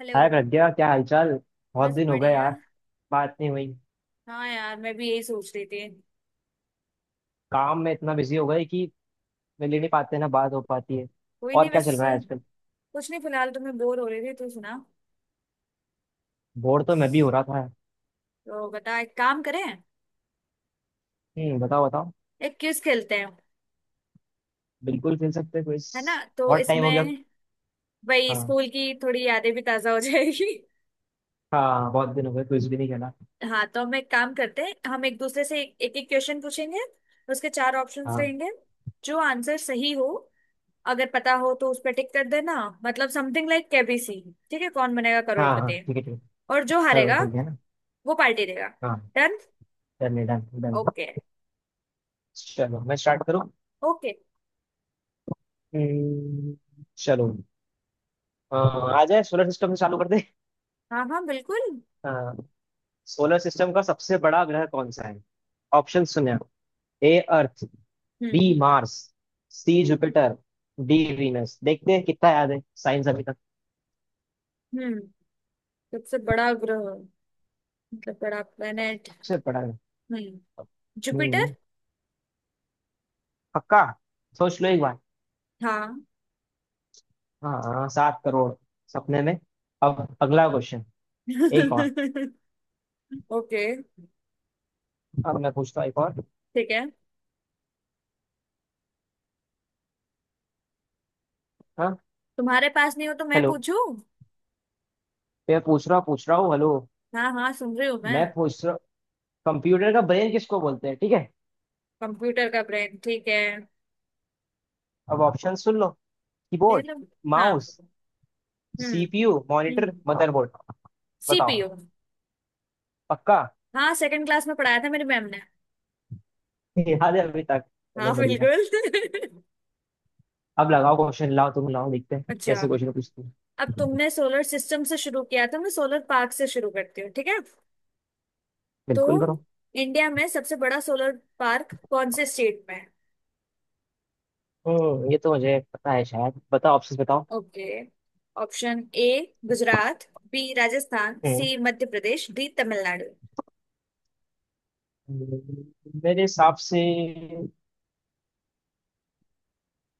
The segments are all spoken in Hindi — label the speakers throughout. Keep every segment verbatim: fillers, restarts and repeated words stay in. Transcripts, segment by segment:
Speaker 1: हेलो।
Speaker 2: हाय प्रज्ञा, क्या हालचाल। बहुत
Speaker 1: बस
Speaker 2: दिन हो गए यार।
Speaker 1: बढ़िया।
Speaker 2: बात नहीं हुई।
Speaker 1: हाँ यार, मैं भी यही सोच रही थी।
Speaker 2: काम में इतना बिजी हो गए कि मिल ही नहीं पाते ना बात हो पाती है।
Speaker 1: कोई
Speaker 2: और
Speaker 1: नहीं,
Speaker 2: क्या चल
Speaker 1: बस
Speaker 2: रहा है आजकल?
Speaker 1: कुछ नहीं। फिलहाल तो मैं बोर हो रही थी, तू सुना।
Speaker 2: बोर तो मैं भी हो रहा था।
Speaker 1: तो बता, एक काम करें,
Speaker 2: हम्म बताओ बताओ।
Speaker 1: एक क्विज खेलते हैं।
Speaker 2: बिल्कुल खेल सकते हैं क्विज।
Speaker 1: है ना, तो
Speaker 2: बहुत टाइम हो गया।
Speaker 1: इसमें वही
Speaker 2: हाँ।
Speaker 1: स्कूल की थोड़ी यादें भी ताजा हो जाएगी।
Speaker 2: हाँ, बहुत दिन हो गए क्विज भी नहीं खेला।
Speaker 1: हाँ, तो हम एक काम करते हैं, हम एक दूसरे से एक एक क्वेश्चन पूछेंगे। उसके चार ऑप्शंस
Speaker 2: हाँ।
Speaker 1: रहेंगे। जो आंसर सही हो, अगर पता हो तो उस पर टिक कर देना। मतलब समथिंग लाइक के बी सी, ठीक है, कौन बनेगा
Speaker 2: हाँ हाँ,
Speaker 1: करोड़पति।
Speaker 2: ठीक है ठीक
Speaker 1: और
Speaker 2: है।
Speaker 1: जो
Speaker 2: चलो
Speaker 1: हारेगा
Speaker 2: ठीक है ना।
Speaker 1: वो पार्टी देगा।
Speaker 2: हाँ।
Speaker 1: Done.
Speaker 2: Done done done.
Speaker 1: Okay.
Speaker 2: चलो मैं स्टार्ट करूँ।
Speaker 1: ओके।
Speaker 2: हम्म, चलो, अ, आ जाए सोलर सिस्टम से चालू कर दे।
Speaker 1: हाँ हाँ बिल्कुल।
Speaker 2: हाँ। सोलर सिस्टम का सबसे बड़ा ग्रह कौन सा है? ऑप्शन सुने। A earth, B
Speaker 1: hmm
Speaker 2: Mars, C Jupiter, D Venus. देखते हैं कितना याद है साइंस अभी तक
Speaker 1: हम्म सबसे बड़ा ग्रह, मतलब बड़ा प्लेनेट।
Speaker 2: से पढ़ा है।
Speaker 1: हम्म जुपिटर।
Speaker 2: हम्म। पक्का? सोच लो एक बार।
Speaker 1: हाँ।
Speaker 2: हाँ, सात करोड़, सपने में। अब अगला क्वेश्चन, एक और।
Speaker 1: ओके।
Speaker 2: अब मैं पूछता हूँ एक और।
Speaker 1: ठीक है,
Speaker 2: हाँ।
Speaker 1: तुम्हारे पास नहीं हो तो मैं
Speaker 2: हेलो।
Speaker 1: पूछूं।
Speaker 2: मैं पूछ रहा पूछ रहा हूँ। हेलो,
Speaker 1: हाँ हाँ, सुन रही हूँ मैं।
Speaker 2: मैं पूछ रहा। कंप्यूटर का ब्रेन किसको बोलते हैं? ठीक है,
Speaker 1: कंप्यूटर का ब्रेन, ठीक है।
Speaker 2: अब ऑप्शन सुन लो। कीबोर्ड,
Speaker 1: चलो। हाँ।
Speaker 2: Mouse,
Speaker 1: hmm
Speaker 2: CPU, monitor,
Speaker 1: hmm
Speaker 2: motherboard. बताओ।
Speaker 1: C P U.
Speaker 2: पक्का?
Speaker 1: हाँ, सेकंड क्लास में पढ़ाया था मेरी मैम ने।
Speaker 2: याद है अभी तक।
Speaker 1: हाँ
Speaker 2: चलो बढ़िया।
Speaker 1: बिल्कुल।
Speaker 2: अब लगाओ क्वेश्चन, लाओ तुम लाओ, देखते हैं
Speaker 1: अच्छा,
Speaker 2: कैसे क्वेश्चन पूछते हैं।
Speaker 1: अब तुमने सोलर सिस्टम से शुरू किया था, मैं सोलर पार्क से शुरू करती हूँ, ठीक है।
Speaker 2: बिल्कुल
Speaker 1: तो
Speaker 2: करो।
Speaker 1: इंडिया में सबसे बड़ा सोलर पार्क कौन से स्टेट में है।
Speaker 2: हम्म ये तो मुझे पता है शायद, बताओ ऑप्शन बताओ।
Speaker 1: Okay. Option A Gujarat, B Rajasthan,
Speaker 2: हम्म
Speaker 1: सी मध्य प्रदेश, डी तमिलनाडु।
Speaker 2: हम्म, मेरे हिसाब से,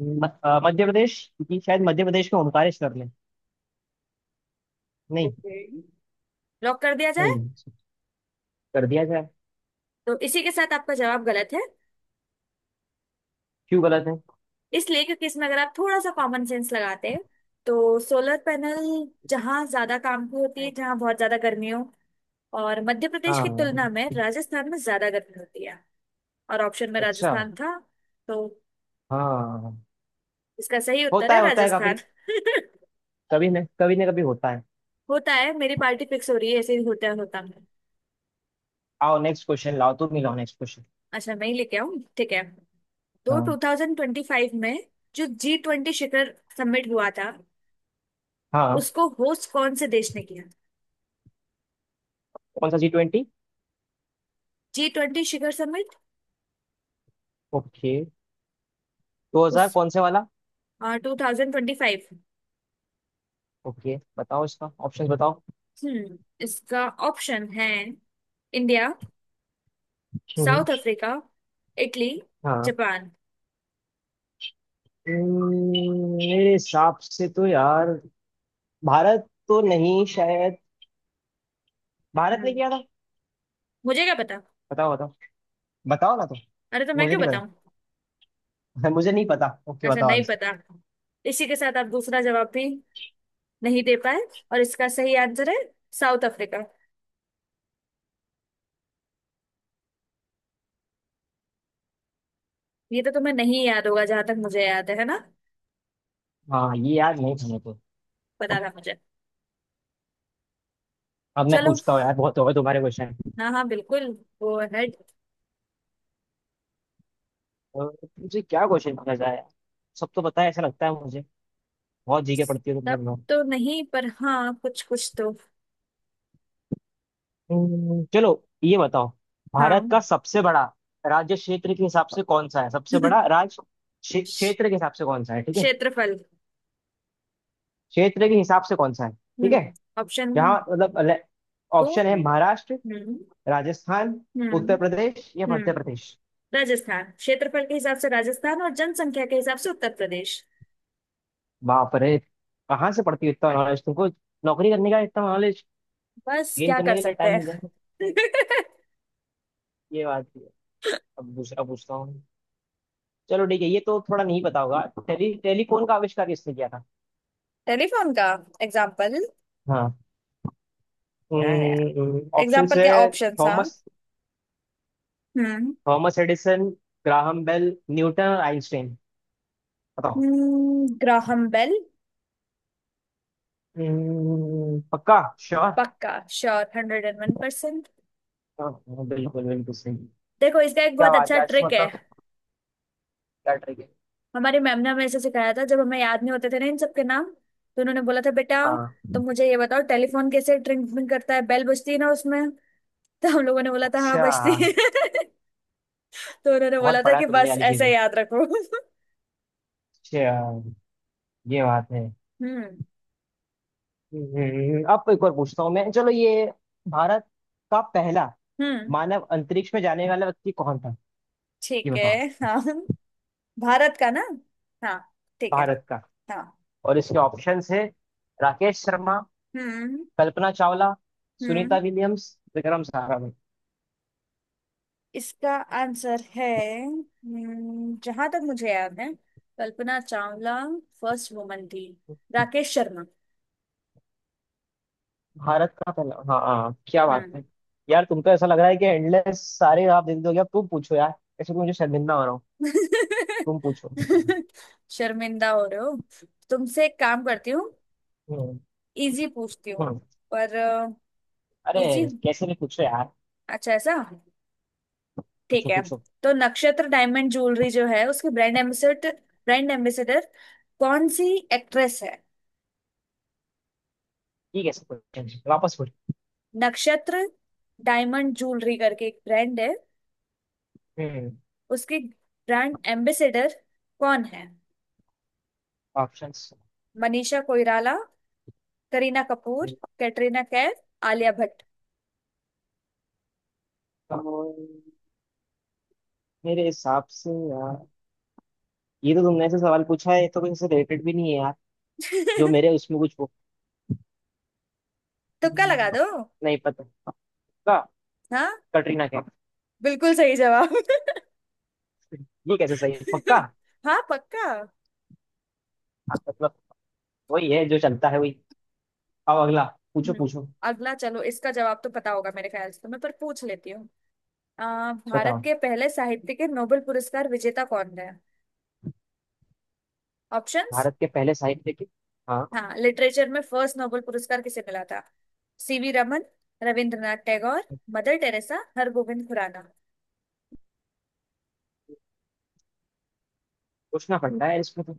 Speaker 2: म- अ, मध्य प्रदेश क्योंकि शायद मध्य प्रदेश में ओमकारेश्वर ने, नहीं।
Speaker 1: ओके, लॉक कर दिया जाए।
Speaker 2: नहीं, कर दिया जाए।
Speaker 1: तो इसी के साथ आपका जवाब गलत है।
Speaker 2: क्यों गलत है?
Speaker 1: इसलिए क्योंकि इसमें अगर आप थोड़ा सा कॉमन सेंस लगाते हैं, तो सोलर पैनल जहाँ ज्यादा काम की होती है,
Speaker 2: हम्म।
Speaker 1: जहाँ बहुत ज्यादा गर्मी हो। और मध्य प्रदेश की
Speaker 2: हाँ।
Speaker 1: तुलना में राजस्थान में ज्यादा गर्मी होती है, और ऑप्शन में
Speaker 2: अच्छा।
Speaker 1: राजस्थान था। तो
Speaker 2: हाँ।
Speaker 1: इसका सही उत्तर
Speaker 2: होता
Speaker 1: है
Speaker 2: है, होता है कभी।
Speaker 1: राजस्थान।
Speaker 2: कभी न कभी न कभी होता है।
Speaker 1: होता है, मेरी पार्टी फिक्स हो रही है, ऐसे ही होता है होता है।
Speaker 2: आओ नेक्स्ट क्वेश्चन लाओ, तुम ही लाओ नेक्स्ट क्वेश्चन।
Speaker 1: अच्छा, मैं ही लेके आऊँ, ठीक है। तो
Speaker 2: हाँ।
Speaker 1: टू थाउज़ेंड ट्वेंटी फाइव में जो जी ट्वेंटी शिखर समिट हुआ था,
Speaker 2: हाँ।
Speaker 1: उसको होस्ट कौन से देश ने किया।
Speaker 2: कौन सा जी ट्वेंटी?
Speaker 1: जी ट्वेंटी शिखर समिट,
Speaker 2: ओके। दो
Speaker 1: उस
Speaker 2: हजार कौन से वाला?
Speaker 1: Two thousand twenty five.
Speaker 2: Okay बताओ, इसका ऑप्शन बताओ।
Speaker 1: हम्म इसका ऑप्शन है इंडिया,
Speaker 2: हम्म,
Speaker 1: साउथ अफ्रीका, इटली,
Speaker 2: हाँ।
Speaker 1: जापान।
Speaker 2: हम्म, मेरे हिसाब से तो यार भारत तो नहीं शायद, भारत ने
Speaker 1: हम्म
Speaker 2: किया था।
Speaker 1: मुझे क्या पता।
Speaker 2: बताओ बताओ। बताओ ना तुम।
Speaker 1: अरे तो मैं
Speaker 2: मुझे
Speaker 1: क्यों
Speaker 2: नहीं पता।
Speaker 1: बताऊं।
Speaker 2: मुझे नहीं पता, ओके
Speaker 1: अच्छा
Speaker 2: बताओ
Speaker 1: नहीं
Speaker 2: आंसर।
Speaker 1: पता। इसी के साथ आप दूसरा जवाब भी नहीं दे पाए। और इसका सही आंसर है साउथ अफ्रीका। ये तो तुम्हें नहीं याद होगा, जहां तक मुझे याद है है ना।
Speaker 2: हाँ, ये यार नहीं था मेरे को।
Speaker 1: पता था मुझे।
Speaker 2: अब मैं
Speaker 1: चलो,
Speaker 2: पूछता हूँ यार, बहुत हो गए तुम्हारे क्वेश्चन।
Speaker 1: हाँ हाँ बिल्कुल, गो अहेड।
Speaker 2: मुझे क्या क्वेश्चन पूछा जाए यार? सब तो पता है ऐसा लगता है मुझे। बहुत जी के पड़ती है तुम मेरे
Speaker 1: सब
Speaker 2: को।
Speaker 1: तो नहीं पर हाँ, कुछ कुछ तो।
Speaker 2: हम्म, चलो ये बताओ। भारत का
Speaker 1: हाँ।
Speaker 2: सबसे बड़ा राज्य, क्षेत्र के हिसाब से कौन सा है, सबसे बड़ा राज्य? क्षे- क्षेत्र के हिसाब से कौन सा है ठीक है?
Speaker 1: क्षेत्रफल।
Speaker 2: क्षेत्र के हिसाब से कौन सा है ठीक है?
Speaker 1: हम्म। ऑप्शन
Speaker 2: जहाँ मतलब,
Speaker 1: दो।
Speaker 2: ऑप्शन है
Speaker 1: हम्म।
Speaker 2: महाराष्ट्र, राजस्थान,
Speaker 1: हम्म।
Speaker 2: उत्तर प्रदेश या मध्य
Speaker 1: हम्म
Speaker 2: प्रदेश।
Speaker 1: राजस्थान, क्षेत्रफल के हिसाब से राजस्थान और जनसंख्या के हिसाब से उत्तर प्रदेश।
Speaker 2: बाप रे, कहाँ से पढ़ती हो इतना नॉलेज तुमको। नौकरी करने का इतना नॉलेज
Speaker 1: बस
Speaker 2: गेन
Speaker 1: क्या
Speaker 2: करने
Speaker 1: कर
Speaker 2: के लिए
Speaker 1: सकते
Speaker 2: टाइम मिल जाएगा।
Speaker 1: हैं।
Speaker 2: ये बात भी है। अब दूसरा पूछता हूँ। चलो ठीक है ये तो थोड़ा नहीं पता होगा। टेली टेलीफोन का आविष्कार किसने किया था?
Speaker 1: टेलीफोन का एग्जाम्पल
Speaker 2: हाँ।
Speaker 1: क्या है।
Speaker 2: ऑप्शन
Speaker 1: एग्जाम्पल के
Speaker 2: है
Speaker 1: ऑप्शंस, हाँ।
Speaker 2: थॉमस
Speaker 1: हम्म
Speaker 2: Thomas Edison, Graham Bell, Newton, Einstein. बताओ।
Speaker 1: हम्म, ग्राहम बेल।
Speaker 2: हम्म, पक्का श्योर?
Speaker 1: पक्का sure, hundred and one percent.
Speaker 2: हाँ हाँ, बिल्कुल बिल्कुल सही।
Speaker 1: देखो, इसका एक
Speaker 2: क्या
Speaker 1: बहुत
Speaker 2: बात
Speaker 1: अच्छा
Speaker 2: है आज तो,
Speaker 1: ट्रिक है।
Speaker 2: मतलब क्या ट्रिक है।
Speaker 1: हमारी मैम ने हमें ऐसे सिखाया था, जब हमें याद नहीं होते थे ना इन सबके नाम, तो उन्होंने बोला था, बेटा
Speaker 2: हाँ।
Speaker 1: तो मुझे ये बताओ, टेलीफोन कैसे ट्रिंग ट्रिंग करता है, बेल बजती है ना उसमें। तो हम लोगों ने बोला था हाँ
Speaker 2: अच्छा।
Speaker 1: बजती है। तो उन्होंने बोला
Speaker 2: बहुत
Speaker 1: था
Speaker 2: पढ़ा है
Speaker 1: कि
Speaker 2: तुमने
Speaker 1: बस
Speaker 2: वाली चीजें।
Speaker 1: ऐसे याद रखो।
Speaker 2: अच्छा। ये बात है।
Speaker 1: हम्म।
Speaker 2: हम्म, अब एक और पूछता हूँ मैं। चलो ये, भारत का पहला
Speaker 1: हम्म।
Speaker 2: मानव अंतरिक्ष में जाने वाला व्यक्ति कौन था, ये
Speaker 1: ठीक है।
Speaker 2: बताओ।
Speaker 1: हाँ, भारत का ना। हाँ, ठीक है।
Speaker 2: भारत का।
Speaker 1: था।
Speaker 2: और इसके ऑप्शंस है राकेश शर्मा,
Speaker 1: हम्म।
Speaker 2: कल्पना चावला,
Speaker 1: हम्म
Speaker 2: सुनीता विलियम्स, विक्रम साराभाई।
Speaker 1: इसका आंसर है। हम्म, जहां तक मुझे याद है कल्पना चावला फर्स्ट वुमन थी, राकेश शर्मा।
Speaker 2: भारत का पहला, हाँ हाँ क्या बात
Speaker 1: हम्म।
Speaker 2: है। यार तुमको ऐसा लग रहा है कि एंडलेस सारे आप देख दोगे, अब तुम पूछो यार। ऐसे तो मुझे शर्मिंदा हो रहा हूँ। तुम पूछो।
Speaker 1: शर्मिंदा हो रहे हो। तुमसे एक काम करती हूँ,
Speaker 2: हम्म।
Speaker 1: इजी पूछती हूँ,
Speaker 2: हम्म।
Speaker 1: पर
Speaker 2: अरे,
Speaker 1: इजी।
Speaker 2: कैसे भी पूछो यार।
Speaker 1: अच्छा, ऐसा, ठीक
Speaker 2: पूछो
Speaker 1: है।
Speaker 2: पूछो।
Speaker 1: तो नक्षत्र डायमंड ज्वेलरी जो है, उसके ब्रांड एम्बेसडर, ब्रांड एम्बेसडर कौन सी एक्ट्रेस है।
Speaker 2: ठीक है सब question है, वापस पूछो।
Speaker 1: नक्षत्र डायमंड ज्वेलरी करके एक ब्रांड है,
Speaker 2: हम्म
Speaker 1: उसके ब्रांड एम्बेसडर कौन है।
Speaker 2: ऑप्शंस।
Speaker 1: मनीषा कोइराला, करीना कपूर, कैटरीना कैफ, आलिया भट्ट।
Speaker 2: मेरे हिसाब से यार, ये तो तुमने ऐसे सवाल पूछा है ये तो किसी से रिलेटेड भी नहीं है यार, जो मेरे उसमें कुछ हो।
Speaker 1: तुक्का लगा
Speaker 2: हम्म,
Speaker 1: दो।
Speaker 2: नहीं पता। पक्का,
Speaker 1: हाँ,
Speaker 2: कटरीना कैफ।
Speaker 1: बिल्कुल सही जवाब।
Speaker 2: ये कैसे सही है? पक्का हाँ,
Speaker 1: हाँ पक्का।
Speaker 2: मतलब वही है जो चलता है वही। अब अगला, पूछो
Speaker 1: हम्म।
Speaker 2: पूछो।
Speaker 1: अगला चलो, इसका जवाब तो पता होगा मेरे ख्याल से तुम्हें, पर पूछ लेती हूँ। आ, भारत
Speaker 2: बताओ
Speaker 1: के पहले साहित्य के नोबेल पुरस्कार विजेता कौन है। ऑप्शन,
Speaker 2: भारत के पहले साहित्य के। हाँ।
Speaker 1: हाँ, लिटरेचर में फर्स्ट नोबेल पुरस्कार किसे मिला था। CV Raman, Rabindranath Tagore, Mother Teresa, Hargobind Khorana.
Speaker 2: पूछना पड़ता है इसमें तो।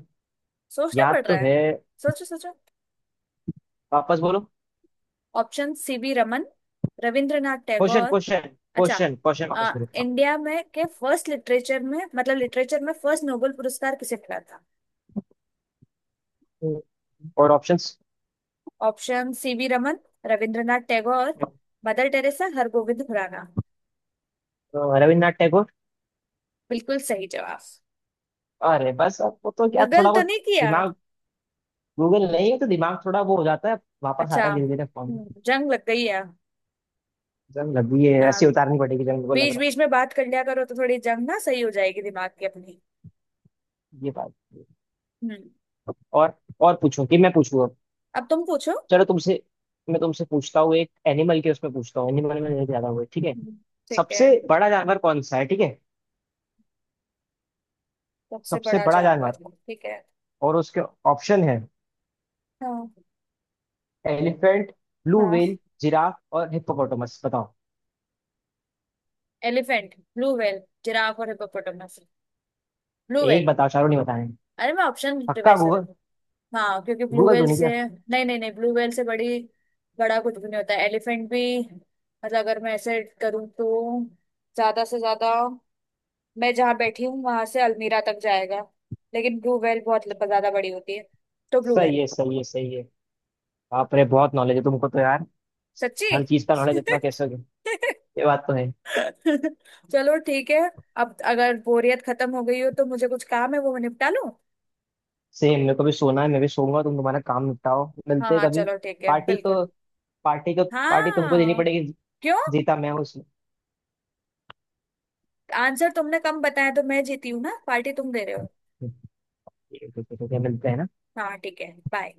Speaker 1: सोचना
Speaker 2: याद
Speaker 1: पड़
Speaker 2: तो
Speaker 1: रहा है,
Speaker 2: है,
Speaker 1: सोचो सोचो।
Speaker 2: वापस बोलो।
Speaker 1: Option CV Raman, Rabindranath
Speaker 2: question
Speaker 1: Tagore.
Speaker 2: Question
Speaker 1: अच्छा।
Speaker 2: क्वेश्चन क्वेश्चन,
Speaker 1: आ,
Speaker 2: वापस बोलो।
Speaker 1: इंडिया में के फर्स्ट लिटरेचर में, मतलब लिटरेचर में फर्स्ट नोबेल पुरस्कार किसे मिला था।
Speaker 2: हम्म, और options?
Speaker 1: Option CV Raman, Rabindranath Tagore, Mother Teresa, Hargobind Khorana.
Speaker 2: Rabindranath Tagore.
Speaker 1: बिल्कुल सही जवाब।
Speaker 2: अरे बस, अब वो तो क्या
Speaker 1: गूगल
Speaker 2: थोड़ा
Speaker 1: तो
Speaker 2: बहुत
Speaker 1: नहीं किया।
Speaker 2: दिमाग। गूगल नहीं है तो दिमाग थोड़ा वो हो जाता है, वापस आ
Speaker 1: अच्छा।
Speaker 2: रहा है धीरे धीरे फॉर्म।
Speaker 1: हम्म, जंग लग गई है।
Speaker 2: जंग लग गई है?
Speaker 1: हाँ,
Speaker 2: ऐसी उतारनी पड़ेगी जंग को, लग
Speaker 1: बीच
Speaker 2: रहा
Speaker 1: बीच में बात कर लिया करो, तो थोड़ी जंग ना सही हो जाएगी दिमाग की अपनी।
Speaker 2: है ये बात।
Speaker 1: हम्म।
Speaker 2: और और पूछो कि मैं पूछूँ।
Speaker 1: अब तुम पूछो।
Speaker 2: चलो तुमसे, मैं तुमसे पूछता हूँ। एक एनिमल के उसमें पूछता हूँ, एनिमल में लेके ज्यादा हुए ठीक है।
Speaker 1: हम्म। ठीक है,
Speaker 2: सबसे बड़ा जानवर कौन सा है ठीक है?
Speaker 1: सबसे
Speaker 2: सबसे
Speaker 1: बड़ा
Speaker 2: बड़ा
Speaker 1: जानवर,
Speaker 2: जानवर,
Speaker 1: ठीक है।
Speaker 2: और उसके ऑप्शन है
Speaker 1: हाँ।
Speaker 2: एलिफेंट, ब्लू
Speaker 1: हाँ,
Speaker 2: व्हेल, जिराफ और हिप्पोपोटामस। बताओ।
Speaker 1: एलिफेंट ब्लू व्हेल जिराफ और हिप्पोपोटामस, ब्लू
Speaker 2: एक
Speaker 1: व्हेल।
Speaker 2: बताओ चारों नहीं बताने।
Speaker 1: अरे मैं ऑप्शन
Speaker 2: पक्का
Speaker 1: रिवाइज कर रही
Speaker 2: गूगल,
Speaker 1: हूँ। हाँ, क्योंकि ब्लू
Speaker 2: गूगल
Speaker 1: व्हेल
Speaker 2: तो नहीं
Speaker 1: से
Speaker 2: क्या?
Speaker 1: नहीं, नहीं नहीं, ब्लू व्हेल से बड़ी, बड़ा कुछ भी नहीं होता, एलिफेंट भी, मतलब अगर मैं ऐसे करूँ तो ज्यादा से ज्यादा मैं जहाँ बैठी हूँ वहां से अलमीरा तक जाएगा। लेकिन ब्लू व्हेल बहुत ल- ज्यादा बड़ी होती है, तो ब्लू
Speaker 2: सही
Speaker 1: व्हेल।
Speaker 2: है सही है सही है। आप रे, बहुत नॉलेज है तुमको तो यार।
Speaker 1: सच्ची।
Speaker 2: हर चीज का नॉलेज इतना कैसे हो गया? ये बात तो है।
Speaker 1: चलो, ठीक है। अब अगर बोरियत खत्म हो गई हो तो मुझे कुछ काम है, वो मैं निपटा लूँ।
Speaker 2: सेम, मेरे को भी सोना है, मैं भी सोऊंगा। तुम तुम्हारा काम निपटाओ,
Speaker 1: हाँ
Speaker 2: मिलते हैं
Speaker 1: हाँ
Speaker 2: कभी।
Speaker 1: चलो ठीक है
Speaker 2: पार्टी
Speaker 1: बिल्कुल।
Speaker 2: तो, पार्टी तो, पार्टी तुमको देनी
Speaker 1: हाँ।
Speaker 2: पड़ेगी।
Speaker 1: क्यों।
Speaker 2: जीता मैं हूँ उसमें।
Speaker 1: आंसर तुमने कम बताया तो मैं जीती हूँ ना, पार्टी तुम दे रहे हो।
Speaker 2: क्या, मिलते हैं ना।
Speaker 1: हाँ ठीक है, बाय।